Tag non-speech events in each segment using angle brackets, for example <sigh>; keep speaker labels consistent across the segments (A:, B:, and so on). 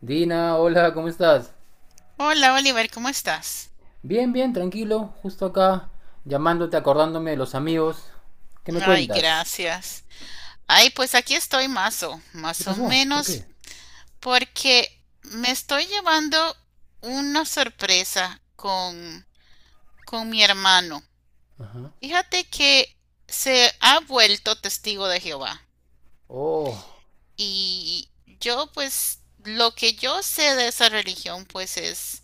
A: Dina, hola, ¿cómo estás?
B: Hola Oliver, ¿cómo estás?
A: Bien, tranquilo, justo acá, llamándote, acordándome de los amigos. ¿Qué me
B: Ay,
A: cuentas?
B: gracias. Ay, pues aquí estoy más o,
A: ¿Qué
B: más o
A: pasó? ¿Por
B: menos,
A: qué?
B: porque me estoy llevando una sorpresa con mi hermano.
A: Ajá.
B: Fíjate que se ha vuelto testigo de Jehová.
A: Oh,
B: Y yo, pues, lo que yo sé de esa religión, pues es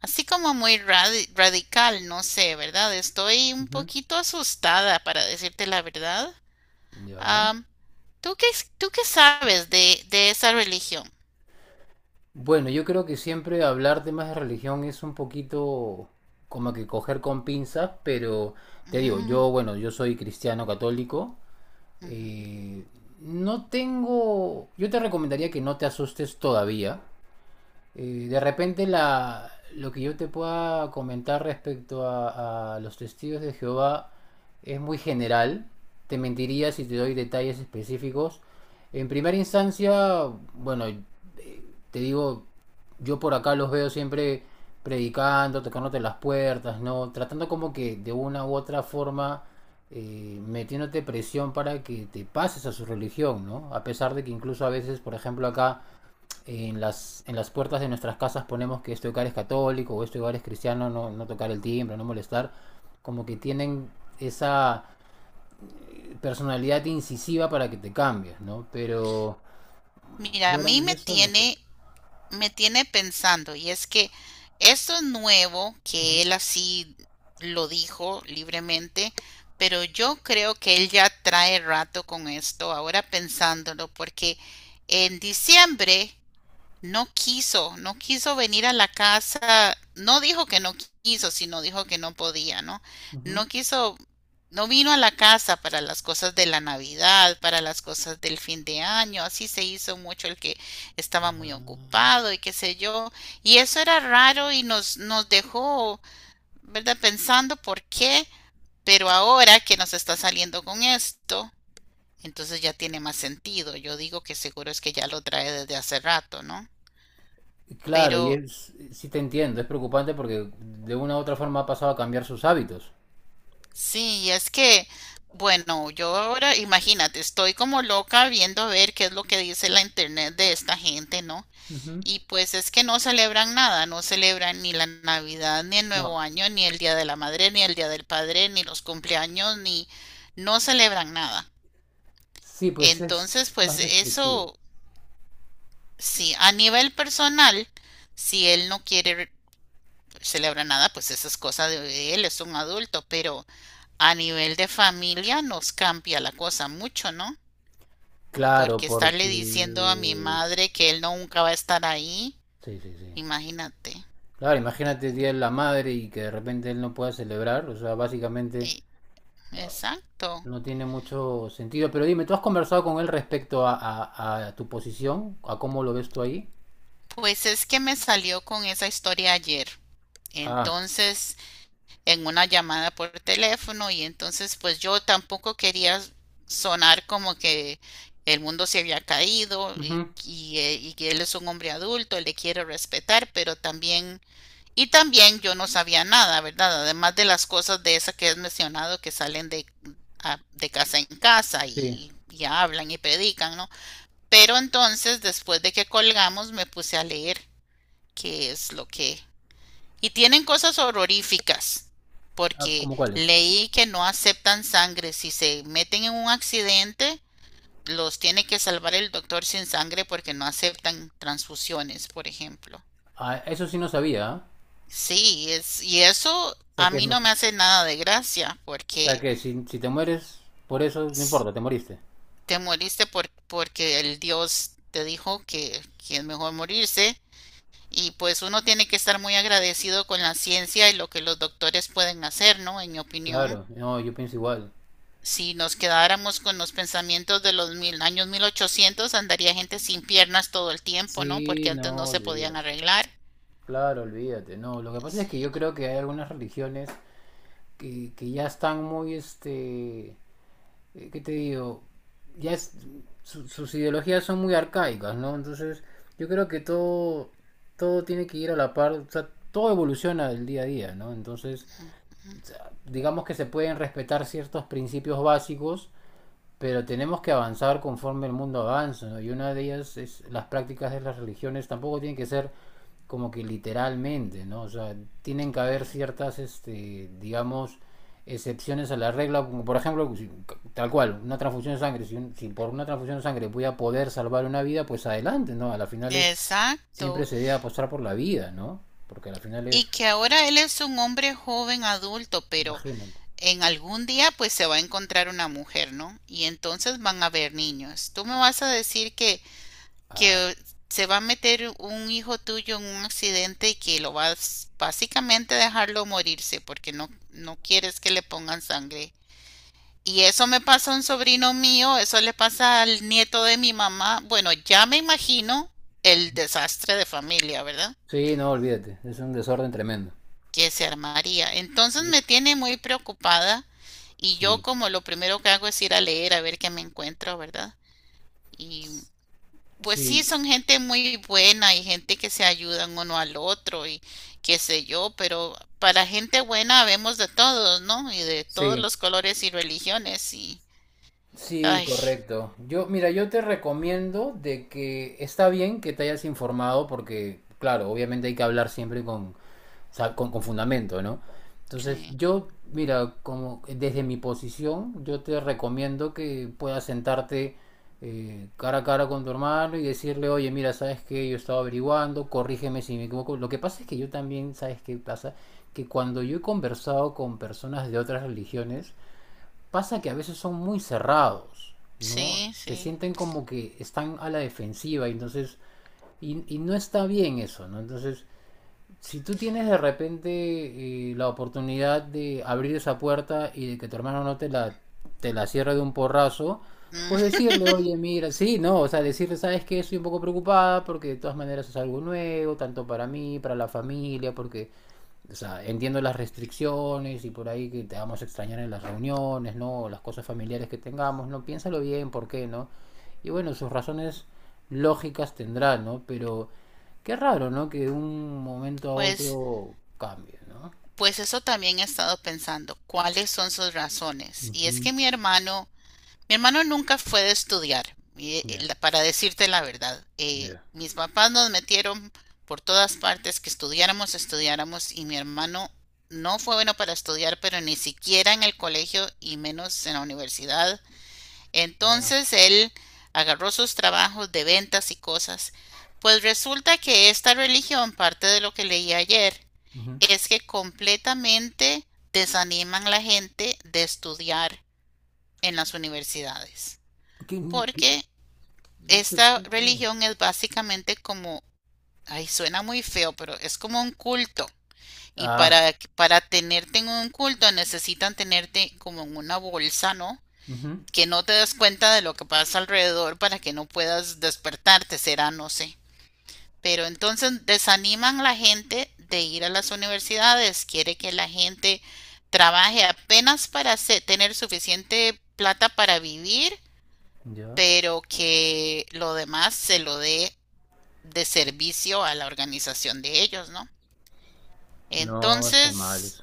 B: así como muy radical, no sé, ¿verdad? Estoy un
A: ujú,
B: poquito asustada, para decirte la verdad.
A: ya.
B: ¿Tú qué, tú qué sabes de esa religión?
A: Bueno, yo creo que siempre hablar temas de religión es un poquito como que coger con pinzas, pero te digo,
B: Ujú,
A: yo, bueno, yo soy cristiano católico.
B: ujú.
A: eh, no tengo, yo te recomendaría que no te asustes todavía. De repente lo que yo te pueda comentar respecto a los testigos de Jehová es muy general. Te mentiría si te doy detalles específicos. En primera instancia, bueno, te digo, yo por acá los veo siempre predicando, tocándote las puertas, ¿no? Tratando como que de una u otra forma metiéndote presión para que te pases a su religión, ¿no? A pesar de que incluso a veces, por ejemplo, acá en en las puertas de nuestras casas ponemos que este hogar es católico o este hogar es cristiano, no, no tocar el timbre, no molestar, como que tienen esa personalidad incisiva para que te cambies, ¿no? Pero
B: Mira, a
A: fuera
B: mí
A: de
B: me
A: eso, no sé.
B: tiene, me tiene pensando, y es que esto es nuevo,
A: Ujú,
B: que él así lo dijo libremente, pero yo creo que él ya trae rato con esto, ahora pensándolo, porque en diciembre no quiso venir a la casa, no dijo que no quiso, sino dijo que no podía, ¿no?
A: ujú.
B: No quiso, no vino a la casa para las cosas de la Navidad, para las cosas del fin de año, así se hizo mucho el que
A: Ah,
B: estaba muy ocupado y qué sé yo, y eso era raro y nos dejó, ¿verdad? Pensando por qué, pero ahora que nos está saliendo con esto, entonces ya tiene más sentido. Yo digo que seguro es que ya lo trae desde hace rato, ¿no?
A: claro, y
B: Pero
A: es, sí te entiendo, es preocupante porque de una u otra forma ha pasado a cambiar sus hábitos.
B: sí, y es que, bueno, yo ahora, imagínate, estoy como loca viendo a ver qué es lo que dice la internet de esta gente, ¿no?
A: Ujú.
B: Y pues es que no celebran nada, no celebran ni la Navidad, ni el
A: No,
B: Nuevo Año, ni el Día de la Madre, ni el Día del Padre, ni los cumpleaños, ni no celebran nada.
A: sí, pues
B: Entonces,
A: es
B: pues
A: más restrictivo.
B: eso, sí, a nivel personal, si él no quiere celebrar nada, pues esa es cosa de él, es un adulto, pero a nivel de familia nos cambia la cosa mucho, ¿no?
A: Claro,
B: Porque estarle diciendo a mi
A: porque...
B: madre que él no, nunca va a estar ahí,
A: Sí, sí, sí.
B: imagínate.
A: Claro, imagínate el Día de la Madre y que de repente él no pueda celebrar, o sea, básicamente no-
B: Exacto.
A: no tiene mucho sentido. Pero dime, ¿tú has conversado con él respecto a, a tu posición? ¿A cómo lo ves tú ahí?
B: Pues es que me salió con esa historia ayer.
A: Ah,
B: Entonces, en una llamada por teléfono y entonces pues yo tampoco quería sonar como que el mundo se había caído y,
A: ujú,
B: y, eh, y que él es un hombre adulto, le quiero respetar, pero también, y también yo no sabía nada, ¿verdad? Además de las cosas de esas que has mencionado que salen de casa en casa
A: sí.
B: y hablan y predican, ¿no? Pero entonces, después de que colgamos, me puse a leer qué es lo que... Y tienen cosas horroríficas,
A: Ah,
B: porque
A: ¿cómo cuáles?
B: leí que no aceptan sangre. Si se meten en un accidente, los tiene que salvar el doctor sin sangre porque no aceptan transfusiones, por ejemplo.
A: Ah, eso sí no sabía, ¿ah?
B: Sí, es, y eso
A: O sea
B: a
A: que es
B: mí no me
A: mejor-
B: hace nada de gracia,
A: O sea
B: porque
A: que si, si te mueres por eso, no
B: s-
A: importa, te moriste.
B: te moriste por, porque el Dios te dijo que, es mejor morirse, y pues uno tiene que estar muy agradecido con la ciencia y lo que los doctores pueden hacer, ¿no? En mi opinión,
A: Claro, no, yo pienso igual.
B: si nos quedáramos con los pensamientos de los mil, años 1800 andaría gente sin piernas todo el tiempo, ¿no?
A: Sí,
B: Porque antes no
A: no,
B: se podían
A: olvídate.
B: arreglar.
A: Claro, olvídate. No, lo que pasa es que yo
B: Sí,
A: creo que hay algunas religiones que ya están muy, este, ¿qué te digo? Ya es- Sus ideologías son muy arcaicas, ¿no? Entonces, yo creo que todo, todo tiene que ir a la par, o sea, todo evoluciona del día a día, ¿no? Entonces, digamos que se pueden respetar ciertos principios básicos, pero tenemos que avanzar conforme el mundo avanza, ¿no? Y una de ellas es las prácticas de las religiones tampoco tienen que ser como que literalmente, ¿no? O sea, tienen que haber
B: sí.
A: ciertas, este, digamos, excepciones a la regla, como por ejemplo, tal cual, una transfusión de sangre, si, si por una transfusión de sangre voy a poder salvar una vida, pues adelante, ¿no? A la final es, siempre
B: Exacto.
A: se debe apostar por la vida, ¿no? Porque a la final
B: Y
A: es,
B: que ahora él es un hombre joven adulto, pero
A: imagínate.
B: en algún día pues se va a encontrar una mujer, ¿no? Y entonces van a haber niños. Tú me vas a decir que,
A: Ah.
B: que se va a meter un hijo tuyo en un accidente y que lo vas básicamente dejarlo morirse porque no quieres que le pongan sangre. Y eso me pasa a un sobrino mío, eso le pasa al nieto de mi mamá. Bueno, ya me imagino el desastre de familia, ¿verdad?
A: Sí, no, olvídate, es un desorden tremendo.
B: Que se armaría. Entonces
A: Sí.
B: me tiene muy preocupada y yo
A: Sí.
B: como lo primero que hago es ir a leer a ver qué me encuentro, ¿verdad? Y pues sí,
A: Sí,
B: son gente muy buena y gente que se ayudan uno al otro y qué sé yo, pero para gente buena vemos de todos, ¿no? Y de todos
A: sí.
B: los colores y religiones y...
A: Sí,
B: Ay,
A: correcto. Yo, mira, yo te recomiendo de que está bien que te hayas informado porque, claro, obviamente hay que hablar siempre con, o sea, con fundamento, ¿no? Entonces,
B: sí,
A: yo, mira, como desde mi posición, yo te recomiendo que puedas sentarte cara a cara con tu hermano y decirle, oye, mira, sabes que yo estaba averiguando, corrígeme si me equivoco. Lo que pasa es que yo también, ¿sabes qué pasa? Que cuando yo he conversado con personas de otras religiones, pasa que a veces son muy cerrados, ¿no?
B: sí,
A: Se
B: sí.
A: sienten como que están a la defensiva, y entonces, y no está bien eso, ¿no? Entonces, si tú tienes de repente la oportunidad de abrir esa puerta y de que tu hermano no te la cierre de un porrazo, pues
B: Mm,
A: decirle, oye, mira, sí, no, o sea, decirle, sabes que estoy un poco preocupada porque de todas maneras es algo nuevo, tanto para mí, para la familia, porque o sea, entiendo las restricciones y por ahí que te vamos a extrañar en las reuniones, ¿no? Las cosas familiares que tengamos, ¿no? Piénsalo bien, ¿por qué, no? Y bueno, sus razones lógicas tendrá, ¿no? Pero qué raro, ¿no? Que de un momento a
B: pues,
A: otro cambie, ¿no?
B: pues eso también he estado pensando, ¿cuáles son sus razones? Y es
A: Ujú.
B: que mi hermano, mi hermano nunca fue de estudiar,
A: Ya,
B: para decirte la verdad.
A: ya.
B: Mis papás nos metieron por todas partes que estudiáramos, estudiáramos, y mi hermano no fue bueno para estudiar, pero ni siquiera en el colegio y menos en la universidad.
A: Ah,
B: Entonces él agarró sus trabajos de ventas y cosas. Pues resulta que esta religión, parte de lo que leí ayer,
A: ujú.
B: es que completamente desaniman a la gente de estudiar en las universidades
A: ¿Qué- qué?
B: porque
A: No te
B: esta
A: puedo creer.
B: religión es básicamente como, ay, suena muy feo, pero es como un culto. Y
A: Ah,
B: para tenerte en un culto necesitan tenerte como en una bolsa, ¿no?
A: ujú,
B: Que no te des cuenta de lo que pasa alrededor para que no puedas despertarte, será, no sé. Pero entonces desaniman a la gente de ir a las universidades, quiere que la gente trabaje apenas para tener suficiente plata para vivir
A: ya.
B: pero que lo demás se lo dé de servicio a la organización de ellos, ¿no?
A: No, está mal
B: Entonces,
A: eso.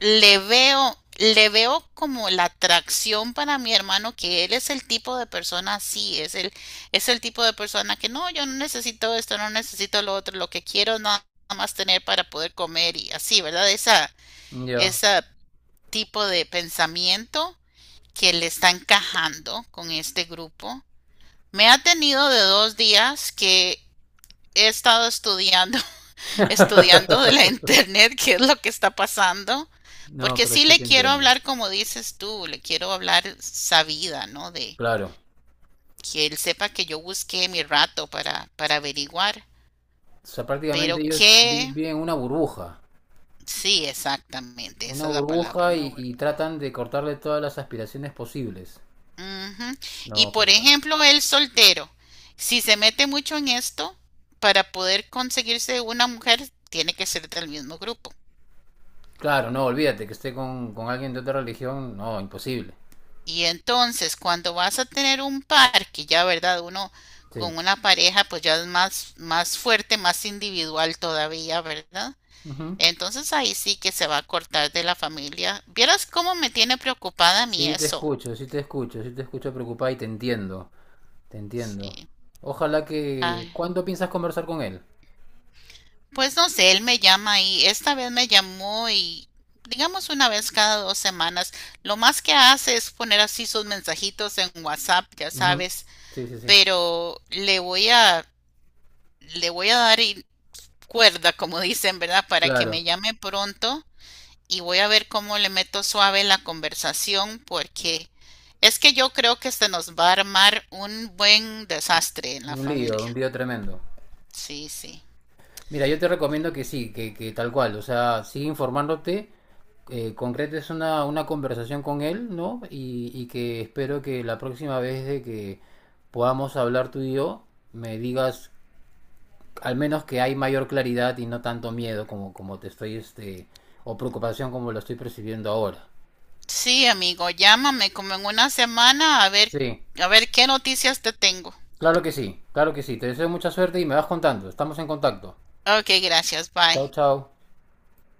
B: le veo como la atracción para mi hermano, que él es el tipo de persona así, es el tipo de persona que no, yo no necesito esto, no necesito lo otro, lo que quiero es nada más tener para poder comer y así, ¿verdad? Esa,
A: Ya.
B: ese tipo de pensamiento que le está encajando con este grupo. Me ha tenido de 2 días que he estado estudiando, <laughs> estudiando de la
A: <laughs>
B: internet, <laughs> qué es lo que está pasando,
A: No,
B: porque
A: pero
B: sí
A: sí
B: le
A: te
B: quiero
A: entiendo.
B: hablar como dices tú, le quiero hablar sabida, ¿no? De
A: Claro.
B: que él sepa que yo busqué mi rato para averiguar,
A: O sea, prácticamente
B: pero
A: ellos
B: que
A: viven
B: sí, exactamente,
A: una
B: esa es la palabra,
A: burbuja
B: una
A: y
B: burbuja.
A: tratan de cortarle todas las aspiraciones posibles.
B: Ujú. Y
A: No,
B: por
A: preocupante.
B: ejemplo, el soltero, si se mete mucho en esto, para poder conseguirse una mujer, tiene que ser del mismo grupo.
A: Claro, no, olvídate que esté con alguien de otra religión, no, imposible.
B: Y entonces, cuando vas a tener un par, que ya, ¿verdad? Uno
A: Sí.
B: con una pareja, pues ya es más, fuerte, más individual todavía, ¿verdad?
A: Ujú.
B: Entonces ahí sí que se va a cortar de la familia. ¿Vieras cómo me tiene preocupada a mí
A: Sí, te
B: eso?
A: escucho, sí te escucho, sí te escucho preocupada y te entiendo, te entiendo.
B: Sí.
A: Ojalá que...
B: Ay.
A: ¿Cuándo piensas conversar con él?
B: Pues no sé, él me llama y esta vez me llamó y digamos una vez cada 2 semanas. Lo más que hace es poner así sus mensajitos en WhatsApp, ya
A: Ujú.
B: sabes,
A: Sí, sí, sí.
B: pero le voy a, dar cuerda, como dicen, ¿verdad? Para que
A: Claro,
B: me llame pronto y voy a ver cómo le meto suave la conversación porque es que yo creo que se nos va a armar un buen desastre en la
A: un
B: familia.
A: lío tremendo.
B: Sí, sí.
A: Mira, yo te recomiendo que sí, que tal cual, o sea, sigue informándote, concretes una conversación con él, ¿no? Y que espero que la próxima vez de que podamos hablar tú y yo, me digas al menos que hay mayor claridad y no tanto miedo como, como te estoy, este, o preocupación como lo estoy percibiendo ahora.
B: Sí, amigo, llámame como en una semana
A: Sí,
B: a ver qué noticias te tengo.
A: claro que sí, claro que sí. Te deseo mucha suerte y me vas contando. Estamos en contacto.
B: Ok, gracias, bye.
A: Chao, chao.